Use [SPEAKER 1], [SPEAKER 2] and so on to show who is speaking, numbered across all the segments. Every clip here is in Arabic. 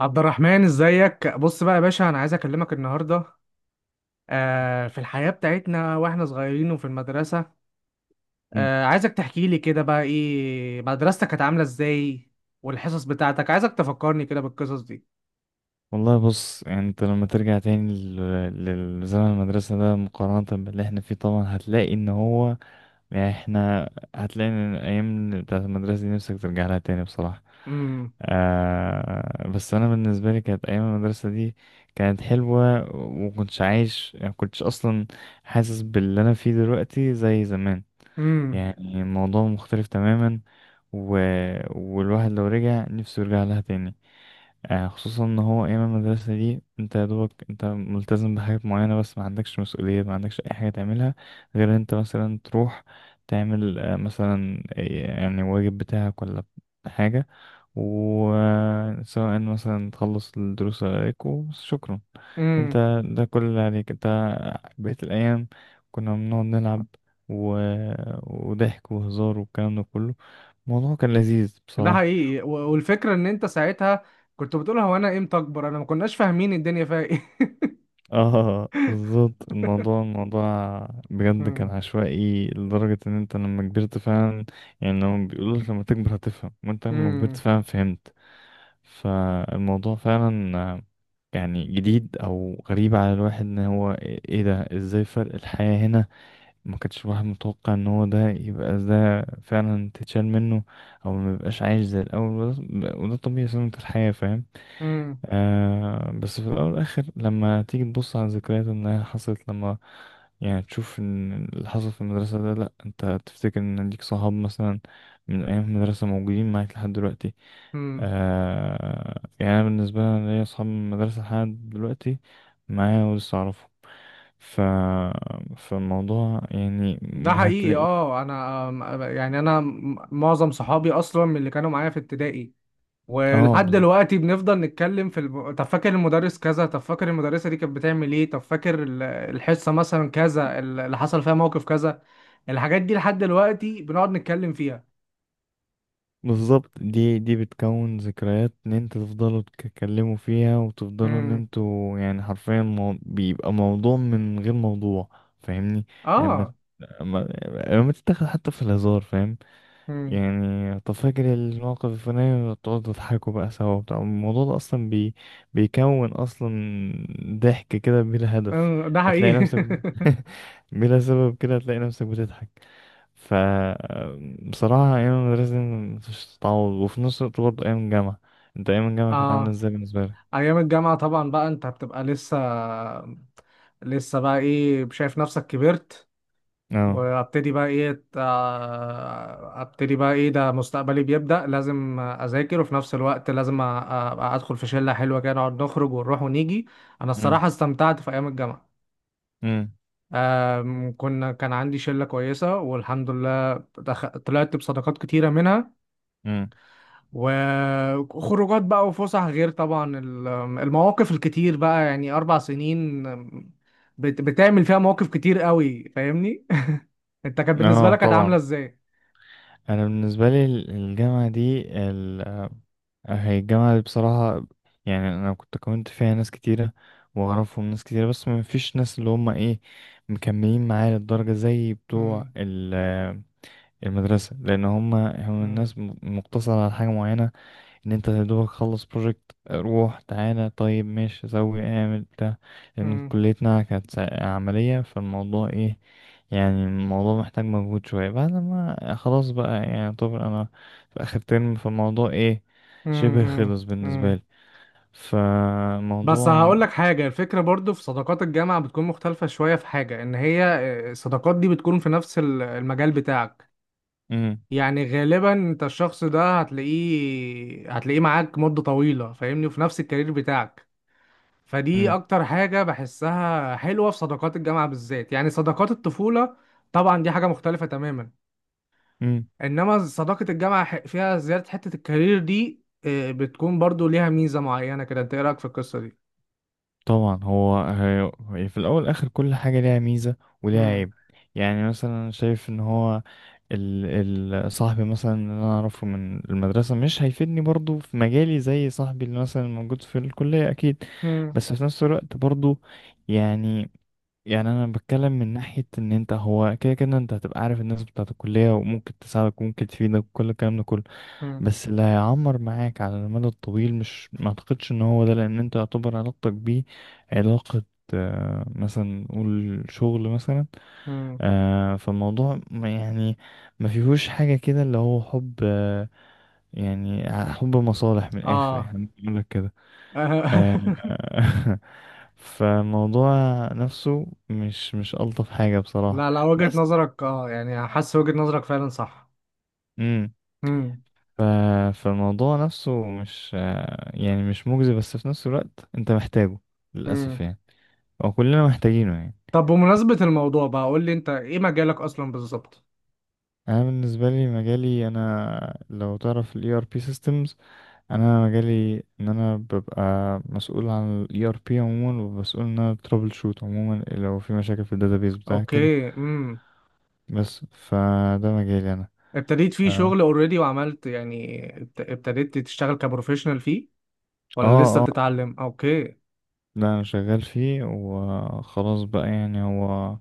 [SPEAKER 1] عبد الرحمن ازيك، بص بقى يا باشا، انا عايز اكلمك النهارده. في الحياه بتاعتنا واحنا صغيرين وفي المدرسه.
[SPEAKER 2] مم.
[SPEAKER 1] عايزك تحكي لي كده بقى ايه مدرستك كانت عامله ازاي؟ والحصص بتاعتك، عايزك تفكرني كده بالقصص دي.
[SPEAKER 2] والله بص، يعني انت لما ترجع تاني للزمن المدرسة ده مقارنة باللي احنا فيه طبعا هتلاقي ان هو يعني احنا هتلاقي ان الايام بتاعت المدرسة دي نفسك ترجع لها تاني بصراحة.
[SPEAKER 1] امم.
[SPEAKER 2] آه، بس انا بالنسبة لي كانت ايام المدرسة دي كانت حلوة، ومكنتش عايش، يعني مكنتش اصلا حاسس باللي انا فيه دلوقتي زي زمان.
[SPEAKER 1] امم.
[SPEAKER 2] يعني الموضوع مختلف تماما، و... والواحد لو رجع نفسه يرجع لها تاني. خصوصا ان هو ايام المدرسه دي انت يا دوبك انت ملتزم بحاجات معينه، بس ما عندكش مسؤوليه، ما عندكش اي حاجه تعملها غير إن انت مثلا تروح تعمل مثلا يعني واجب بتاعك ولا حاجه، وسواء مثلا تخلص الدروس اللي عليك وشكرا.
[SPEAKER 1] امم.
[SPEAKER 2] انت ده كل اللي عليك انت. بقيت الايام كنا بنقعد نلعب و... آه، وضحك وهزار والكلام ده كله. الموضوع كان لذيذ
[SPEAKER 1] ده
[SPEAKER 2] بصراحه.
[SPEAKER 1] حقيقي، والفكره ان انت ساعتها كنت بتقول هو انا امتى اكبر، انا ما كناش فاهمين الدنيا فيها ايه.
[SPEAKER 2] اه بالظبط، الموضوع بجد كان
[SPEAKER 1] امم.
[SPEAKER 2] عشوائي لدرجة ان انت لما كبرت فعلا، يعني لما بيقولوا لك لما تكبر هتفهم، وانت لما كبرت فعلا فهمت. فالموضوع فعلا يعني جديد او غريب على الواحد، ان هو ايه ده، ازاي فرق الحياة هنا. ما كانش الواحد متوقع ان هو ده يبقى ده فعلا تتشال منه، او ما يبقاش عايش زي الاول، وده وده طبيعي سنة الحياة، فاهم.
[SPEAKER 1] امم.
[SPEAKER 2] آه، بس في الأول والآخر لما تيجي تبص على الذكريات إنها حصلت، لما يعني تشوف إن اللي حصل في المدرسة ده، لأ، أنت تفتكر إن ليك صحاب مثلا من أيام المدرسة موجودين معاك لحد دلوقتي.
[SPEAKER 1] امم.
[SPEAKER 2] آه، يعني أنا بالنسبة لي أنا ليا صحاب من المدرسة لحد دلوقتي معايا ولسه أعرفهم. ف فالموضوع يعني
[SPEAKER 1] ده حقيقي.
[SPEAKER 2] هتلاقي.
[SPEAKER 1] اه، انا يعني معظم صحابي اصلا من اللي كانوا معايا في ابتدائي،
[SPEAKER 2] اه
[SPEAKER 1] ولحد دلوقتي بنفضل نتكلم في طب فاكر المدرس كذا، طب فاكر المدرسة دي كانت بتعمل ايه، طب فاكر الحصة مثلا كذا، اللي حصل فيها موقف كذا. الحاجات دي لحد دلوقتي بنقعد نتكلم فيها.
[SPEAKER 2] بالظبط، دي بتكون ذكريات ان انت تفضلوا تتكلموا فيها وتفضلوا ان
[SPEAKER 1] امم.
[SPEAKER 2] انتوا يعني حرفيا بيبقى موضوع من غير موضوع. فاهمني؟ لما
[SPEAKER 1] اه.
[SPEAKER 2] لما لما تتاخد حتى في الهزار، فاهم.
[SPEAKER 1] امم.
[SPEAKER 2] يعني طب فاكر الموقف الفلاني، تقعدوا تضحكوا بقى سوا، بتاع الموضوع ده اصلا بي... بيكون اصلا ضحك كده بلا هدف.
[SPEAKER 1] آه، ده
[SPEAKER 2] هتلاقي
[SPEAKER 1] حقيقي.
[SPEAKER 2] نفسك بلا سبب كده هتلاقي نفسك بتضحك. ف بصراحة أيام المدرسة دي مفيش تتعوض، وفي نفس الوقت برضه أيام الجامعة، أنت أيام الجامعة كانت عاملة
[SPEAKER 1] اه.
[SPEAKER 2] إزاي بالنسبة لك؟
[SPEAKER 1] ايام الجامعة طبعا بقى انت بتبقى لسه بقى ايه، شايف نفسك كبرت،
[SPEAKER 2] أه.
[SPEAKER 1] وابتدي بقى ايه ده مستقبلي بيبدأ، لازم اذاكر، وفي نفس الوقت لازم ادخل في شلة حلوة كده، نقعد نخرج ونروح ونيجي. انا
[SPEAKER 2] أمم.
[SPEAKER 1] الصراحة استمتعت في ايام الجامعة.
[SPEAKER 2] أمم.
[SPEAKER 1] آم، كنا كان عندي شلة كويسة والحمد لله، طلعت بصداقات كتيرة منها،
[SPEAKER 2] أمم.
[SPEAKER 1] وخروجات بقى وفسح، غير طبعا المواقف الكتير، بقى يعني 4 سنين بتعمل فيها مواقف كتير قوي، فاهمني. انت كانت بالنسبة
[SPEAKER 2] أه
[SPEAKER 1] لك كانت عاملة
[SPEAKER 2] طبعا،
[SPEAKER 1] ازاي؟
[SPEAKER 2] أنا بالنسبة لي الجامعة دي، هي الجامعة دي بصراحة يعني أنا كنت كونت فيها ناس كتيرة وأعرفهم ناس كتيرة، بس ما فيش ناس اللي هما إيه، مكملين معايا للدرجة زي بتوع
[SPEAKER 1] مم.
[SPEAKER 2] المدرسة، لأن هما هم
[SPEAKER 1] مم.
[SPEAKER 2] الناس مقتصرة على حاجة معينة، ان انت يا دوبك خلص بروجكت روح تعالى طيب ماشي سوي اعمل بتاع. لان
[SPEAKER 1] مم.
[SPEAKER 2] كليتنا كانت عملية، فالموضوع ايه، يعني الموضوع محتاج مجهود شوية. بعد ما خلاص بقى، يعني طبعا انا في اخر ترم، فالموضوع ايه،
[SPEAKER 1] مم.
[SPEAKER 2] شبه
[SPEAKER 1] مم.
[SPEAKER 2] خلص بالنسبة
[SPEAKER 1] مم.
[SPEAKER 2] لي.
[SPEAKER 1] بس
[SPEAKER 2] فالموضوع.
[SPEAKER 1] هقول لك حاجة، الفكرة برضو في صداقات الجامعة بتكون مختلفة شوية، في حاجة ان هي، الصداقات دي بتكون في نفس المجال بتاعك.
[SPEAKER 2] مم.
[SPEAKER 1] يعني غالبا انت الشخص ده هتلاقيه معاك مدة طويلة، فاهمني، وفي نفس الكارير بتاعك. فدي
[SPEAKER 2] مم.
[SPEAKER 1] اكتر حاجة بحسها حلوة في صداقات الجامعة بالذات. يعني صداقات الطفولة طبعا دي حاجة مختلفة تماما.
[SPEAKER 2] مم.
[SPEAKER 1] انما صداقة الجامعة فيها زيادة حتة الكارير دي، بتكون برضو ليها ميزة معينة كده. انت ايه رأيك في القصة دي؟
[SPEAKER 2] طبعا هو هي في الاول والاخر كل حاجه ليها ميزه وليها
[SPEAKER 1] مم.
[SPEAKER 2] عيب. يعني مثلا شايف ان هو ال ال صاحبي مثلا اللي انا اعرفه من المدرسه مش هيفيدني برضو في مجالي زي صاحبي اللي مثلا موجود في الكليه اكيد.
[SPEAKER 1] مم.
[SPEAKER 2] بس في نفس الوقت برضو، يعني يعني انا بتكلم من ناحيه ان انت هو كده كده انت هتبقى عارف الناس بتاعه الكليه، وممكن تساعدك وممكن تفيدك وكل الكلام ده كله.
[SPEAKER 1] مم.
[SPEAKER 2] بس اللي هيعمر معاك على المدى الطويل مش، ما اعتقدش ان هو ده، لان انت يعتبر علاقتك بيه علاقة مثلا نقول شغل مثلا.
[SPEAKER 1] مم.
[SPEAKER 2] فالموضوع يعني ما فيهوش حاجة كده اللي هو حب، يعني حب مصالح من الآخر،
[SPEAKER 1] اه.
[SPEAKER 2] يعني بقول لك كده. آه. فالموضوع نفسه مش ألطف حاجة بصراحة،
[SPEAKER 1] لا، لا، وجهة
[SPEAKER 2] بس.
[SPEAKER 1] نظرك، اه يعني حاسس وجهة نظرك فعلا صح. مم.
[SPEAKER 2] ف... فالموضوع نفسه مش يعني مش مجزي، بس في نفس الوقت انت محتاجه، للأسف
[SPEAKER 1] مم.
[SPEAKER 2] يعني. هو كلنا محتاجينه يعني.
[SPEAKER 1] طب بمناسبة الموضوع بقى، قول لي انت ايه مجالك اصلا بالظبط؟
[SPEAKER 2] انا بالنسبه لي مجالي، انا لو تعرف ال ERP systems، انا مجالي ان انا ببقى مسؤول عن ال ERP عموما، ومسؤول ان انا trouble shoot عموما لو في مشاكل في ال database بتاعك كده.
[SPEAKER 1] اوكي. امم.
[SPEAKER 2] بس فده مجالي انا.
[SPEAKER 1] ابتديت فيه شغل
[SPEAKER 2] اه.
[SPEAKER 1] اوريدي، وعملت يعني ابتديت تشتغل كبروفيشنال فيه، ولا لسه
[SPEAKER 2] اه.
[SPEAKER 1] بتتعلم؟ اوكي.
[SPEAKER 2] لا انا شغال فيه وخلاص بقى، يعني هو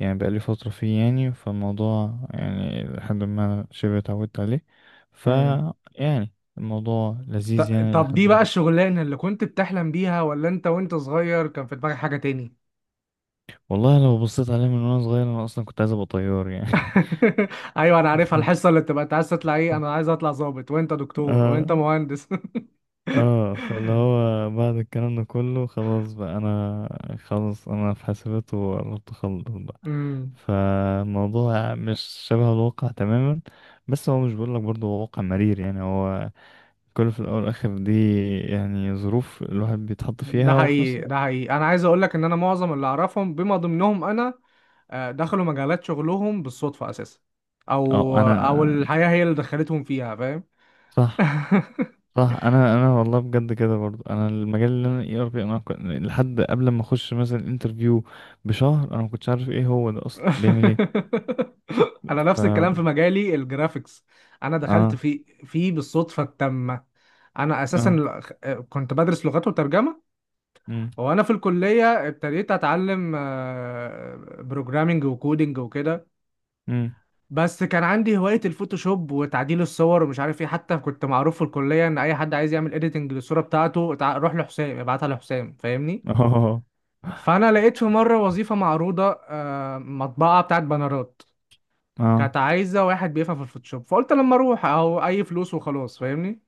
[SPEAKER 2] يعني بقالي فترة فيه، يعني فالموضوع يعني لحد ما شبه اتعودت عليه. ف
[SPEAKER 1] مم.
[SPEAKER 2] يعني الموضوع
[SPEAKER 1] ط-
[SPEAKER 2] لذيذ يعني
[SPEAKER 1] طب دي
[SPEAKER 2] لحد ما.
[SPEAKER 1] بقى الشغلانة اللي كنت بتحلم بيها، ولا انت وانت صغير كان في دماغك حاجة تاني؟
[SPEAKER 2] والله لو بصيت عليه من وانا صغير، انا اصلا كنت عايز ابقى طيار يعني.
[SPEAKER 1] ايوه، انا عارفها الحصة اللي بتبقى انت عايز تطلع ايه، انا عايز اطلع ضابط، وانت دكتور، وانت
[SPEAKER 2] اه.
[SPEAKER 1] مهندس.
[SPEAKER 2] اه، فاللي هو بعد الكلام ده كله خلاص بقى، انا خلاص انا في حاسبات وقربت اخلص بقى.
[SPEAKER 1] امم.
[SPEAKER 2] فالموضوع مش شبه الواقع تماما، بس هو مش بقول لك برضه، هو واقع مرير يعني. هو كله في الاول والاخر دي يعني ظروف الواحد بيتحط
[SPEAKER 1] ده
[SPEAKER 2] فيها، وفي نفس
[SPEAKER 1] حقيقي،
[SPEAKER 2] الوقت.
[SPEAKER 1] ده حقيقي، انا عايز اقول لك ان انا معظم اللي اعرفهم بما ضمنهم انا، دخلوا مجالات شغلهم بالصدفة اساسا، او
[SPEAKER 2] اه.
[SPEAKER 1] او
[SPEAKER 2] انا
[SPEAKER 1] الحياة هي اللي دخلتهم فيها، فاهم.
[SPEAKER 2] صح. صح، انا انا والله بجد كده برضه، انا المجال اللي انا اي ار بي، انا لحد قبل ما اخش مثلا انترفيو بشهر، انا ما كنتش عارف ايه هو ده اصلا بيعمل ايه.
[SPEAKER 1] انا
[SPEAKER 2] ف.
[SPEAKER 1] نفس الكلام في مجالي الجرافيكس. انا دخلت
[SPEAKER 2] اه.
[SPEAKER 1] فيه بالصدفه التامه. انا اساسا
[SPEAKER 2] اه.
[SPEAKER 1] كنت بدرس لغات وترجمه،
[SPEAKER 2] امم.
[SPEAKER 1] وانا في الكليه ابتديت اتعلم بروجرامنج وكودينج وكده.
[SPEAKER 2] امم.
[SPEAKER 1] بس كان عندي هوايه الفوتوشوب وتعديل الصور ومش عارف ايه، حتى كنت معروف في الكليه ان اي حد عايز يعمل اديتنج للصوره بتاعته روح لحسام، ابعتها لحسام، فاهمني.
[SPEAKER 2] اه.
[SPEAKER 1] فانا لقيت في مره وظيفه معروضه، مطبعه بتاعت بانرات،
[SPEAKER 2] اه.
[SPEAKER 1] كانت عايزه واحد بيفهم في الفوتوشوب، فقلت لما اروح اهو، اي فلوس وخلاص، فاهمني.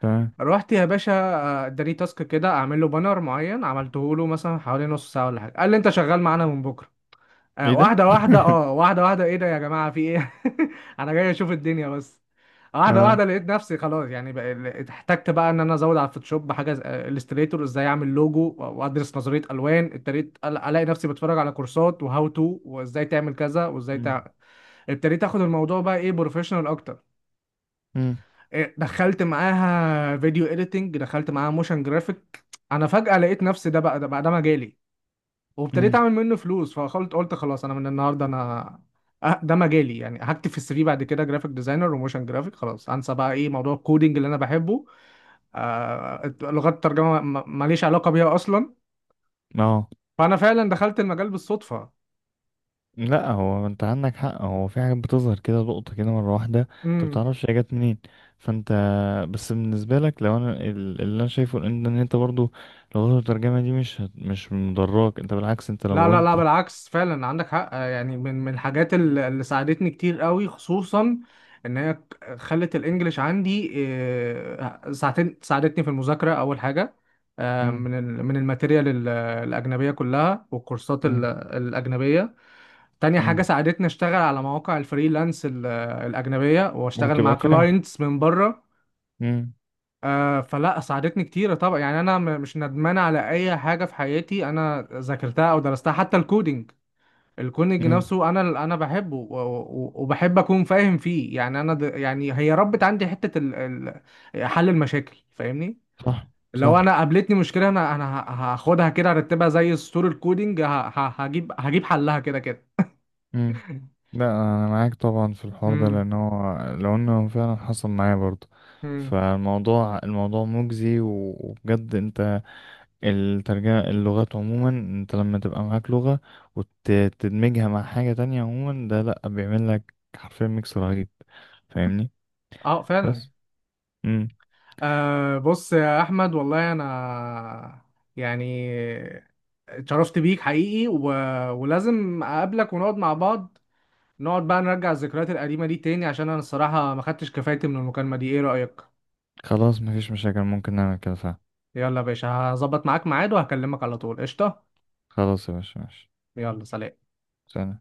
[SPEAKER 2] تمام.
[SPEAKER 1] رحت يا باشا، اداني تاسك كده، اعمل له بانر معين، عملته له مثلا حوالي نص ساعه ولا حاجه، قال لي انت شغال معانا من بكره.
[SPEAKER 2] ايه ده.
[SPEAKER 1] واحده واحده، اه واحده واحده، ايه ده يا جماعه، في ايه؟ انا جاي اشوف الدنيا بس. واحده
[SPEAKER 2] اه.
[SPEAKER 1] واحده لقيت نفسي خلاص، يعني احتجت بقى ان انا ازود على الفوتوشوب حاجه، الستريتور، ازاي اعمل لوجو، وادرس نظريه الوان. ابتديت الاقي نفسي بتفرج على كورسات وهاو تو وازاي تعمل كذا،
[SPEAKER 2] امم.
[SPEAKER 1] ابتديت اخد الموضوع بقى ايه بروفيشنال اكتر. دخلت معاها فيديو اديتنج، دخلت معاها موشن جرافيك. انا فجأة لقيت نفسي ده مجالي، وابتديت
[SPEAKER 2] امم.
[SPEAKER 1] اعمل منه فلوس، فقلت خلاص انا من النهارده، انا ده مجالي، يعني هكتب في السي في بعد كده جرافيك ديزاينر وموشن جرافيك، خلاص انسى بقى ايه موضوع الكودينج اللي انا بحبه. لغات الترجمه ماليش علاقه بيها اصلا،
[SPEAKER 2] اه
[SPEAKER 1] فانا فعلا دخلت المجال بالصدفه.
[SPEAKER 2] لا، هو انت عندك حق، هو في حاجات بتظهر كده لقطة كده مرة واحدة انت
[SPEAKER 1] إمم.
[SPEAKER 2] بتعرفش هي جت منين. فانت، بس بالنسبة لك، لو انا اللي انا شايفه ان ان انت برضو لو غلطت الترجمة دي، مش مش مضراك انت، بالعكس انت
[SPEAKER 1] لا،
[SPEAKER 2] لو
[SPEAKER 1] لا، لا،
[SPEAKER 2] انت.
[SPEAKER 1] بالعكس فعلا عندك حق. يعني من الحاجات اللي ساعدتني كتير قوي، خصوصا ان هي خلت الانجليش عندي، ساعتين ساعدتني في المذاكره اول حاجه،
[SPEAKER 2] امم.
[SPEAKER 1] من الماتيريال الاجنبيه كلها، والكورسات
[SPEAKER 2] امم.
[SPEAKER 1] الاجنبيه. تاني حاجه
[SPEAKER 2] امم.
[SPEAKER 1] ساعدتني اشتغل على مواقع الفريلانس الاجنبيه، واشتغل مع
[SPEAKER 2] وتبقى فاهم.
[SPEAKER 1] كلاينتس من بره.
[SPEAKER 2] امم.
[SPEAKER 1] فلا، ساعدتني كتير طبعا. يعني انا مش ندمان على اي حاجه في حياتي انا ذاكرتها او درستها، حتى الكودينج، الكونج
[SPEAKER 2] امم.
[SPEAKER 1] نفسه انا بحبه، وبحب اكون فاهم فيه. يعني انا يعني هي ربت عندي حته حل المشاكل، فاهمني.
[SPEAKER 2] صح.
[SPEAKER 1] لو
[SPEAKER 2] صح.
[SPEAKER 1] انا قابلتني مشكله، انا هاخدها كده، ارتبها زي السطور الكودينج، ه... ه... هجيب هجيب حلها كده كده.
[SPEAKER 2] امم. لا انا معاك طبعا في الحوار ده،
[SPEAKER 1] امم.
[SPEAKER 2] لان هو لو انه فعلا حصل معايا برضو.
[SPEAKER 1] امم.
[SPEAKER 2] فالموضوع مجزي، وبجد انت الترجمة، اللغات عموما انت لما تبقى معاك لغة وتدمجها مع حاجة تانية عموما، ده لأ، بيعمل لك حرفيا ميكس رهيب. فاهمني؟
[SPEAKER 1] اه فعلا.
[SPEAKER 2] بس. امم.
[SPEAKER 1] بص يا احمد، والله انا يعني اتشرفت بيك حقيقي، ولازم اقابلك ونقعد مع بعض، نقعد بقى نرجع الذكريات القديمة دي تاني، عشان أنا الصراحة ما خدتش كفايتي من المكالمة دي، إيه رأيك؟
[SPEAKER 2] خلاص مفيش مشاكل، ممكن نعمل كده فعلا.
[SPEAKER 1] يلا يا باشا، هظبط معاك ميعاد وهكلمك على طول، قشطة؟
[SPEAKER 2] خلاص يا باشا ماشي.
[SPEAKER 1] يلا، سلام.
[SPEAKER 2] سلام.